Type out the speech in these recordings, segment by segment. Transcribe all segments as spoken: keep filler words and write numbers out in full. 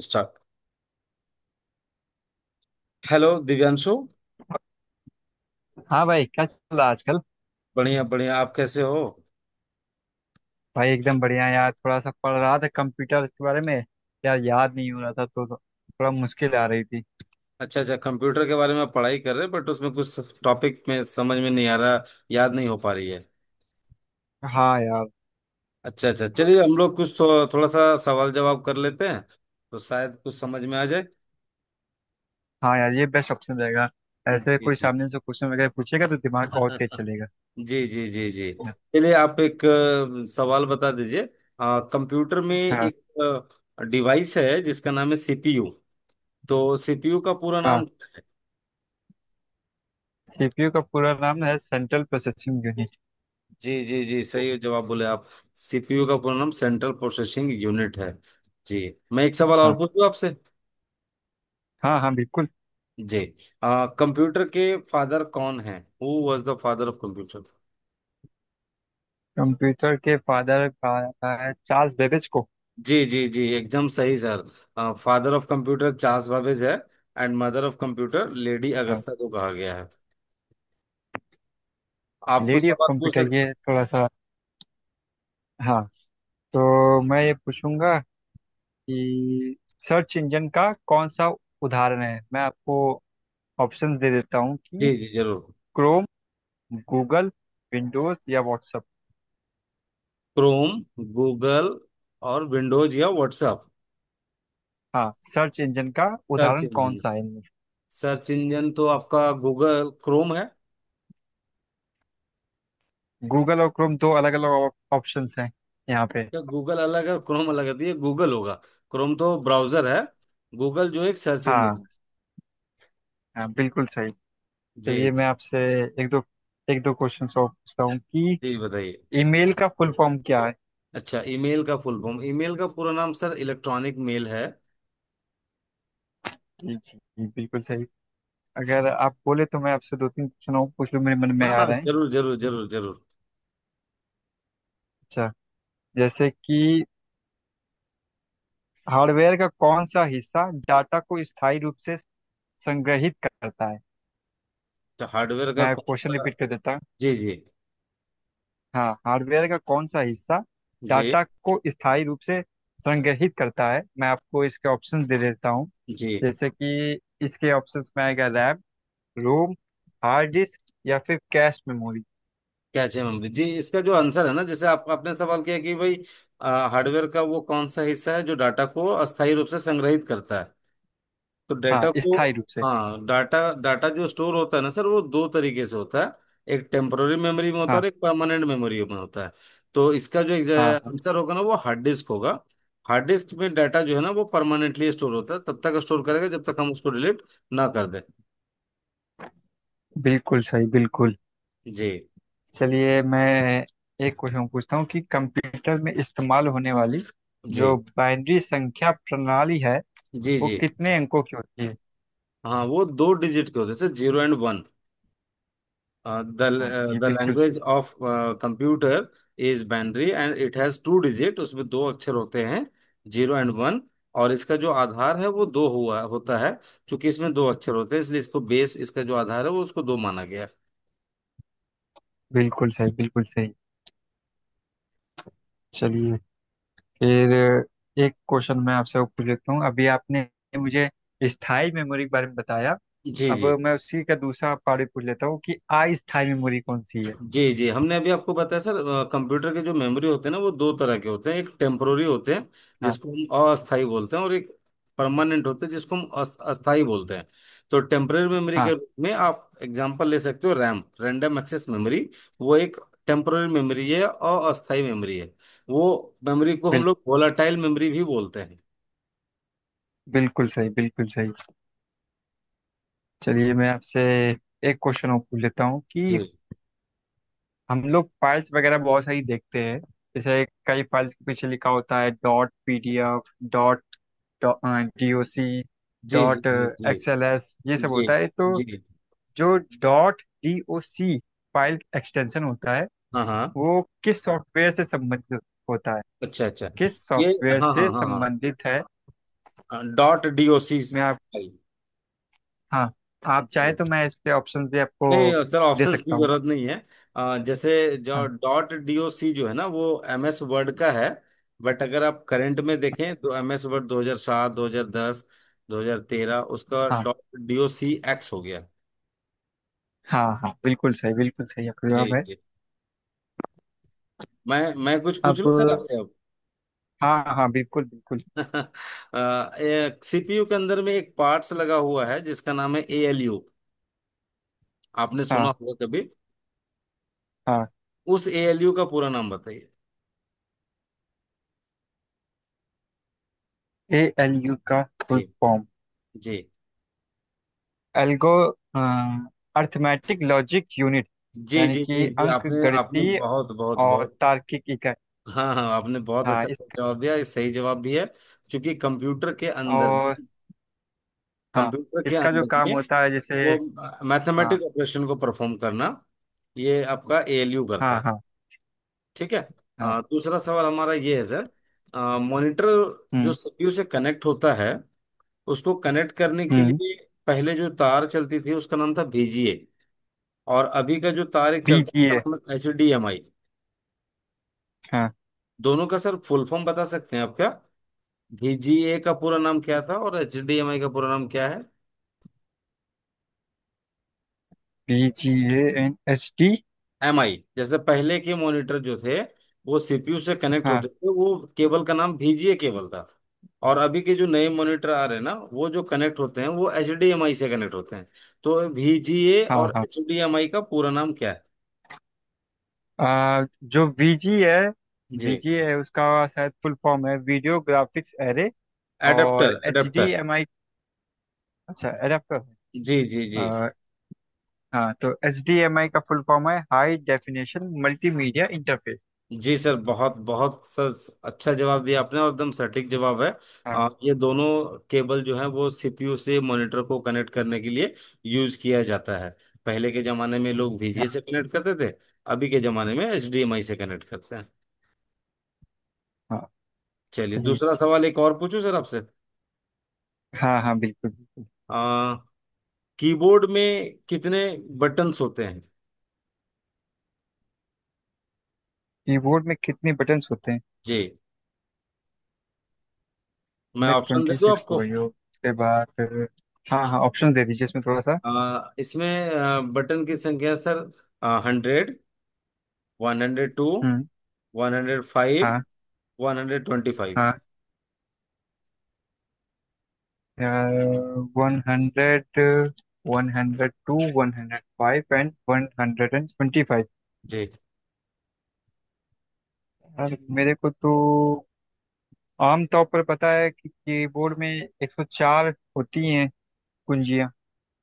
Start. Hello Divyanshu. हाँ भाई, क्या चल रहा है आजकल? बढ़िया बढ़िया, आप कैसे हो? भाई एकदम बढ़िया यार, थोड़ा सा पढ़ रहा था कंप्यूटर के बारे में। यार, याद नहीं हो रहा था तो तो थोड़ा मुश्किल आ रही थी। अच्छा अच्छा, कंप्यूटर के बारे में आप पढ़ाई कर रहे, बट उसमें कुछ टॉपिक में समझ में नहीं आ रहा, याद नहीं हो पा रही है। हाँ यार। अच्छा अच्छा, चलिए हम लोग कुछ थो, थोड़ा सा सवाल जवाब कर लेते हैं, तो शायद कुछ समझ में आ जाए। हाँ यार, ये बेस्ट ऑप्शन रहेगा। जी ऐसे कोई जी। सामने से क्वेश्चन वगैरह पूछेगा तो दिमाग और तेज चलेगा। जी जी जी जी। चलिए आप एक अ, सवाल बता दीजिए। अ, कंप्यूटर में हाँ। एक डिवाइस है जिसका नाम है सीपीयू, तो सीपीयू का पूरा हाँ, नाम। सी पी यू का पूरा नाम है सेंट्रल प्रोसेसिंग यूनिट। जी जी जी, सही जवाब बोले आप। सीपीयू का पूरा नाम सेंट्रल प्रोसेसिंग यूनिट है। जी। मैं एक सवाल और हाँ पूछूं आपसे। हाँ। हाँ बिल्कुल। जी। आ, कंप्यूटर के फादर कौन है? Who was the father of computer? Computer के फादर है चार्ल्स बेबेज को। जी जी जी, एकदम सही sir. Father of computer Charles Babbage है, and mother of computer lady हाँ। अगस्ता को कहा गया है। आप कुछ लेडी ऑफ सवाल पूछ कंप्यूटर, सकते हैं। ये थोड़ा सा। हाँ। तो मैं ये पूछूंगा कि सर्च इंजन का कौन सा उदाहरण है, मैं आपको ऑप्शंस दे देता हूँ जी कि जी, जरूर। क्रोम, गूगल, विंडोज या व्हाट्सएप। क्रोम, गूगल, और विंडोज या व्हाट्सएप। हाँ, सर्च इंजन का सर्च उदाहरण कौन इंजन, सा है इनमें से? सर्च इंजन तो आपका गूगल क्रोम है, गूगल और क्रोम दो अलग अलग ऑप्शंस हैं यहाँ पे। या गूगल अलग है और क्रोम अलग है, तो ये गूगल होगा। क्रोम तो ब्राउजर है, गूगल जो एक सर्च इंजन है। हाँ। हाँ, बिल्कुल सही। चलिए, जी। मैं आपसे एक दो एक दो क्वेश्चन और पूछता हूँ कि जी, बताइए। ईमेल का फुल फॉर्म क्या है। अच्छा, ईमेल का फुल फॉर्म, ईमेल का पूरा नाम सर इलेक्ट्रॉनिक मेल है। जी जी जी, बिल्कुल सही। अगर आप बोले तो मैं आपसे दो तीन क्वेश्चन और पूछ लूँ, मेरे मन में हाँ आ हाँ, रहे हैं। जरूर जरूर जरूर जरूर। अच्छा, जैसे कि हार्डवेयर का कौन सा हिस्सा डाटा को स्थायी रूप से संग्रहित करता है? तो हार्डवेयर का मैं कौन क्वेश्चन सा। रिपीट कर देता हूँ। जी जी हाँ, हार्डवेयर का कौन सा हिस्सा जी डाटा को स्थायी रूप से संग्रहित करता है, मैं आपको इसके ऑप्शन दे देता हूँ। जी। जैसे कि इसके ऑप्शंस में आएगा रैम, रोम, हार्ड डिस्क या फिर कैश मेमोरी। क्या चाहिए मम्मी जी, इसका जो आंसर है ना, जैसे आप, आपने सवाल किया कि भाई, हार्डवेयर का वो कौन सा हिस्सा है जो डाटा को अस्थायी रूप से संग्रहित करता है, तो हाँ, डाटा को। स्थायी रूप से। हाँ, डाटा डाटा जो स्टोर होता है ना सर, वो दो तरीके से होता है। एक टेम्पररी मेमोरी में होता है हाँ और एक परमानेंट मेमोरी में होता है। तो इसका जो हाँ हाँ। आंसर होगा ना, वो हार्ड डिस्क होगा। हार्ड डिस्क में डाटा जो है ना, वो परमानेंटली स्टोर होता है, तब तक स्टोर करेगा जब तक हम उसको डिलीट ना कर दें। बिल्कुल सही, बिल्कुल। जी चलिए, मैं एक क्वेश्चन पूछता हूँ कि कंप्यूटर में इस्तेमाल होने वाली जी जो बाइनरी संख्या प्रणाली है जी वो जी। कितने अंकों की होती है? हाँ वो दो डिजिट के होते हैं sir, zero and one. Uh, the हाँ uh, जी, the बिल्कुल। language of computer is binary, and it has two digit, उसमें दो अक्षर होते हैं, जीरो एंड वन। और इसका जो आधार है वो दो हुआ होता है, क्योंकि इसमें दो अक्षर होते हैं, इसलिए इसको बेस, इसका जो आधार है वो, उसको दो माना गया। बिल्कुल सही, बिल्कुल सही। चलिए फिर एक क्वेश्चन मैं आपसे पूछ लेता हूँ, अभी आपने मुझे स्थायी मेमोरी के बारे में बताया। जी अब जी मैं उसी का दूसरा पार्ट पूछ लेता हूँ कि अस्थायी मेमोरी कौन सी है? जी जी, हमने अभी आपको बताया सर। कंप्यूटर के जो मेमोरी होते हैं ना, वो दो तरह के होते हैं। एक टेम्पोररी होते हैं, हाँ। जिसको हम अस्थाई बोलते हैं, और एक परमानेंट होते हैं, जिसको हम अस- अस्थाई बोलते हैं। तो टेम्पोररी मेमोरी के हाँ रूप में आप एग्जांपल ले सकते हो, रैम, रैंडम एक्सेस मेमोरी। वो एक टेम्पोररी मेमोरी है और अस्थाई मेमोरी है, वो मेमोरी को हम बिल, लोग वोलाटाइल मेमोरी भी बोलते हैं। बिल्कुल सही, बिल्कुल सही। चलिए मैं आपसे एक क्वेश्चन और पूछ लेता हूँ जी कि हम लोग फाइल्स वगैरह बहुत सारी देखते हैं। जैसे कई फाइल्स के पीछे लिखा होता है dot P D F, dot D O सी, जी डॉट जी जी एक्स एल एस, ये सब जी होता है, तो जी जी। जो डॉट डी ओ सी फाइल एक्सटेंशन होता है हाँ हाँ। वो किस सॉफ्टवेयर से संबंधित होता है? अच्छा अच्छा किस ये। सॉफ्टवेयर हाँ से हाँ हाँ। संबंधित है? हाँ, डॉट डी ओ सी। मैं आप हाँ, आप चाहे बिल्कुल। तो मैं इसके ऑप्शन भी आपको नहीं सर, दे ऑप्शंस की सकता हूँ। जरूरत नहीं है। अ, जैसे जो हाँ डॉट डीओसी जो है ना, वो एम एस वर्ड का है। बट अगर आप करंट में देखें तो एम एस वर्ड दो हज़ार सात, दो हज़ार दस, दो हज़ार तेरह, उसका हाँ डॉट डीओसी एक्स हो गया। हाँ। हाँ, बिल्कुल सही, बिल्कुल सही आपका जी जवाब है। जी। मैं मैं कुछ पूछ अब। लूं सर आपसे अब। हाँ हाँ, बिल्कुल बिल्कुल। सीपीयू के अंदर में एक पार्ट्स लगा हुआ है जिसका नाम है एएलयू, आपने सुना हाँ होगा कभी? हाँ। उस एएलयू का पूरा नाम बताइए। ए एल यू का फुल जी फॉर्म जी एल्गो अर्थमेटिक लॉजिक यूनिट, जी यानी जी जी कि जी। अंक आपने आपने गणितीय बहुत बहुत और बहुत। तार्किक इकाई। हाँ हाँ, आपने बहुत हाँ, अच्छा इस जवाब दिया, ये सही जवाब भी है, क्योंकि कंप्यूटर के अंदर और। में, हाँ, कंप्यूटर के इसका जो अंदर काम में होता है जैसे। वो हाँ मैथमेटिक ऑपरेशन को परफॉर्म करना, ये आपका एएलयू करता हाँ। है। हाँ ठीक है। हाँ। आ, दूसरा सवाल हमारा ये है सर। मॉनिटर जो हम्म सीपीयू से कनेक्ट होता है, उसको कनेक्ट करने के हम्म। लिए पहले जो तार चलती थी उसका नाम था बीजीए, और अभी का जो तार एक बी चलता है जी ए उसका नाम है एचडीएमआई। हाँ। दोनों का सर फुल फॉर्म बता सकते हैं आप क्या? V G A का पूरा नाम क्या था और H D M I का पूरा नाम क्या है? B G A N S T. M I, जैसे पहले के मॉनिटर जो थे, वो C P U से कनेक्ट हाँ होते थे, वो केबल का नाम V G A केबल था, और अभी के जो नए मॉनिटर आ रहे हैं ना, वो जो कनेक्ट होते हैं वो H D M I से कनेक्ट होते हैं। तो V G A हाँ। और हाँ, H D M I का पूरा नाम क्या है? आ, जो वी जी है जी। वी जी है उसका शायद फुल फॉर्म है वीडियो ग्राफिक्स एरे। और adapter H D adapter. M I अच्छा, एडाप्टर। जी जी जी हाँ, तो एच डी एम आई का फुल फॉर्म है हाई डेफिनेशन मल्टीमीडिया इंटरफेस। जी सर, बहुत बहुत सर, अच्छा जवाब दिया आपने, और एकदम सटीक जवाब है। हाँ। आ, ये दोनों केबल जो है, वो सीपीयू से मॉनिटर को कनेक्ट करने के लिए यूज किया जाता है। पहले के जमाने में लोग हाँ वीजीए से कनेक्ट करते थे, अभी के जमाने में एचडीएमआई से कनेक्ट करते हैं। हाँ। चलिए, चलिए। दूसरा सवाल एक और पूछूं सर आपसे। हाँ हाँ, बिल्कुल बिल्कुल। आ, कीबोर्ड में कितने बटन्स होते हैं? कीबोर्ड में कितने बटन्स होते हैं? जी, मैं मैं ऑप्शन दे ट्वेंटी दूं सिक्स हो आपको। गई हो उसके बाद फिर- हाँ हाँ, ऑप्शन दे दीजिए इसमें थोड़ा सा। आ, इसमें आ, बटन की संख्या sir, hundred, one hundred two, हम्म। वन हंड्रेड फाइव, हाँ। One hundred twenty five. हाँ, one hundred, one hundred two, one hundred five and one hundred and twenty five. जी यार, मेरे को तो आमतौर पर पता है कि कीबोर्ड में एक सौ चार होती हैं कुंजियाँ।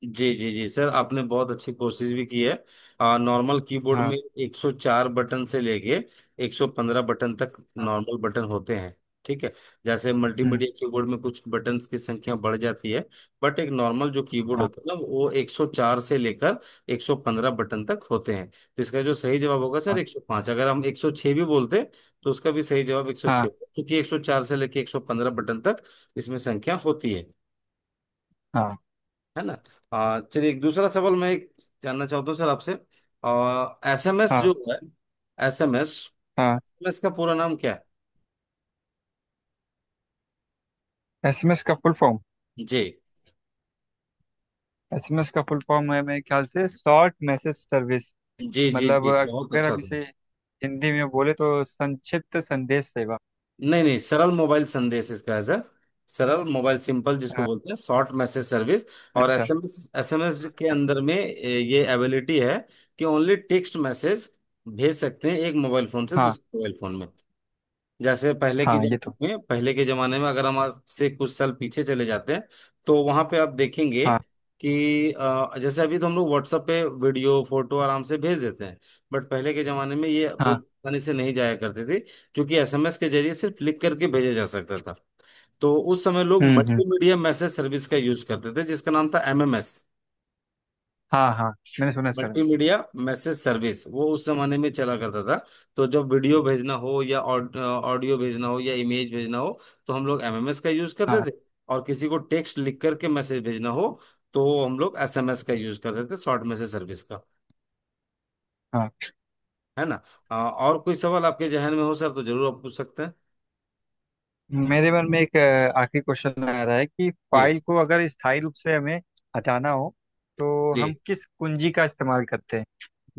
जी जी जी सर, आपने बहुत अच्छी कोशिश भी की है। आ, नॉर्मल कीबोर्ड हाँ। में एक सौ चार बटन से लेके एक सौ पंद्रह बटन तक हाँ। नॉर्मल बटन होते हैं। ठीक है। जैसे हम्म। मल्टीमीडिया कीबोर्ड में कुछ बटन्स की संख्या बढ़ जाती है, बट एक नॉर्मल जो कीबोर्ड हाँ होता है ना, वो एक सौ चार से लेकर एक सौ पंद्रह बटन तक होते हैं। तो इसका जो सही जवाब होगा सर हाँ एक सौ पाँच, अगर हम एक सौ छह भी बोलते तो उसका भी सही जवाब एक सौ छह हाँ होगा, क्योंकि एक सौ चार से लेकर एक सौ पंद्रह बटन तक इसमें संख्या होती है। हाँ। है ना। आ, चलिए, एक दूसरा सवाल मैं एक जानना चाहता हूँ सर आपसे। एसएमएस हाँ जो है, एसएमएस हाँ। एसएमएस का पूरा नाम क्या है? एस एम एस का full form, G S M S का फुल फॉर्म है मेरे ख्याल से शॉर्ट मैसेज सर्विस। जी जी मतलब जी, बहुत अगर अच्छा हम सवाल। इसे हिंदी में बोले तो संक्षिप्त संदेश सेवा। नहीं नहीं, सरल मोबाइल संदेश इसका है सर, सरल मोबाइल सिंपल, जिसको अ, बोलते हैं शॉर्ट मैसेज सर्विस। और अच्छा। एसएमएस, एसएमएस के अंदर में ए, ये एबिलिटी है, कि ओनली टेक्स्ट मैसेज भेज सकते हैं एक मोबाइल फोन से हाँ दूसरे मोबाइल फोन में। जैसे पहले के हाँ, ये तो। जमाने में, पहले के जमाने में अगर हम आज से कुछ साल पीछे चले जाते हैं, तो वहां पे आप देखेंगे हाँ। कि अ, जैसे अभी तो हम लोग WhatsApp पे वीडियो फोटो आराम से भेज देते हैं, बट पहले के जमाने में ये हाँ, बहुत आसानी से नहीं जाया करते थे, क्योंकि एसएमएस के जरिए सिर्फ लिख करके भेजा जा सकता था। तो उस समय लोग हम्म हम्म। मल्टीमीडिया मैसेज सर्विस का यूज करते थे, जिसका नाम था एमएमएस। हाँ हाँ, मैंने सुना इसका नाम। मल्टीमीडिया मैसेज सर्विस वो उस जमाने में चला करता था। तो जब वीडियो भेजना हो, या ऑडियो भेजना हो, या इमेज भेजना हो, तो हम लोग एमएमएस का यूज करते हाँ। थे। और किसी को टेक्स्ट लिख करके मैसेज भेजना हो, तो हम लोग एसएमएस का यूज करते थे, शॉर्ट मैसेज सर्विस का। हाँ। है ना। अ, और कोई सवाल आपके जहन में हो सर, तो जरूर आप पूछ सकते हैं। मेरे मन में एक अ, आखिरी क्वेश्चन आ रहा है कि जी फाइल को अगर स्थायी रूप से हमें हटाना हो तो जी हम किस कुंजी का इस्तेमाल करते हैं?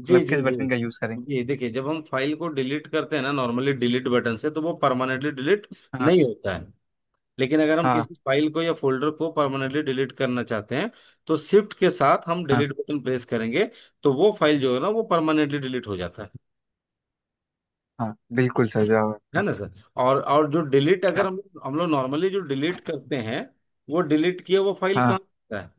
जी मतलब किस जी जी। बटन का यूज करेंगे? जी, देखिए, जब हम फाइल को डिलीट करते हैं ना नॉर्मली डिलीट बटन से, तो वो परमानेंटली डिलीट हाँ। नहीं होता है। लेकिन अगर हम हाँ। किसी फाइल को या फोल्डर को परमानेंटली डिलीट करना चाहते हैं, तो शिफ्ट के साथ हम हाँ। डिलीट बटन प्रेस करेंगे, तो वो फाइल जो है ना, वो परमानेंटली डिलीट हो जाता है। हाँ, बिल्कुल सही जवाब है है ना सर। और और जो डिलीट, अगर आपका। हम हम लोग नॉर्मली जो डिलीट करते हैं, वो डिलीट किया वो फाइल कहाँ हाँ, होता है?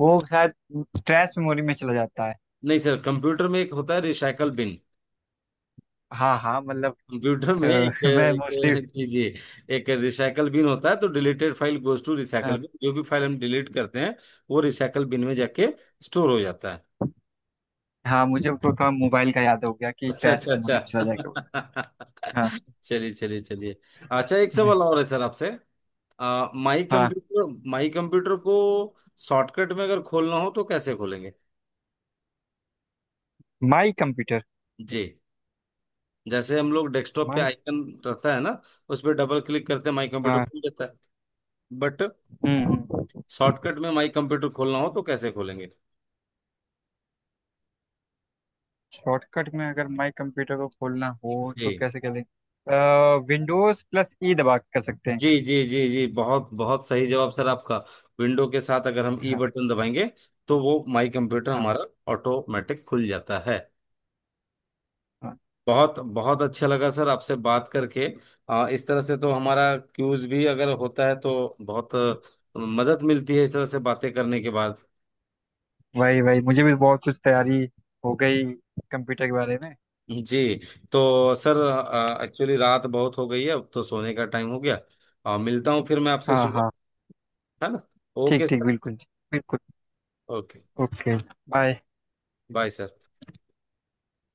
वो शायद स्ट्रेस मेमोरी में चला जाता है। नहीं सर, कंप्यूटर में एक होता है रिसाइकल बिन। हाँ हाँ, मतलब कंप्यूटर अ, में एक मैं मोस्टली। एक जी जी। एक रिसाइकल बिन होता है, तो deleted file goes to recycle bin. जो भी फाइल हम डिलीट करते हैं, वो रिसाइकल बिन में जाके स्टोर हो जाता है। हाँ, मुझे तो थोड़ा मोबाइल का याद हो गया कि अच्छा ट्रैश अच्छा मेमोरी में चला जाएगा वो। अच्छा। हाँ। चलिए चलिए चलिए। अच्छा, एक सवाल और है सर आपसे। आ, माई हाँ। कंप्यूटर माई कंप्यूटर को शॉर्टकट में अगर खोलना हो तो कैसे खोलेंगे? माई कंप्यूटर जी। जैसे हम लोग डेस्कटॉप पे माई आइकन रहता है ना, उस पर डबल क्लिक करते हैं, माई कंप्यूटर हाँ। खुल जाता है। बट हम्म हम्म। शॉर्टकट में माई कंप्यूटर खोलना हो तो कैसे खोलेंगे? शॉर्टकट में अगर माई कंप्यूटर को खोलना हो जी तो कैसे करें? विंडोज प्लस ई दबा के कर सकते हैं। जी जी जी जी, बहुत बहुत सही जवाब सर आपका। विंडो के साथ अगर हम ई हाँ। बटन दबाएंगे, तो वो माई कंप्यूटर हाँ। हमारा ऑटोमेटिक खुल जाता है। हाँ। बहुत बहुत अच्छा लगा सर आपसे बात करके। आ, इस तरह से तो हमारा क्यूज भी अगर होता है तो बहुत अ, मदद मिलती है इस तरह से बातें करने के बाद। वही वही, मुझे भी बहुत कुछ तैयारी हो गई कंप्यूटर के बारे में। जी। तो सर, एक्चुअली रात बहुत हो गई है, अब तो सोने का टाइम हो गया। आ, मिलता हूँ फिर मैं आपसे हाँ। सुबह। हाँ। है ना। ठीक ओके ठीक, सर। बिल्कुल बिल्कुल। Okay. Okay. Bye. Bye sir.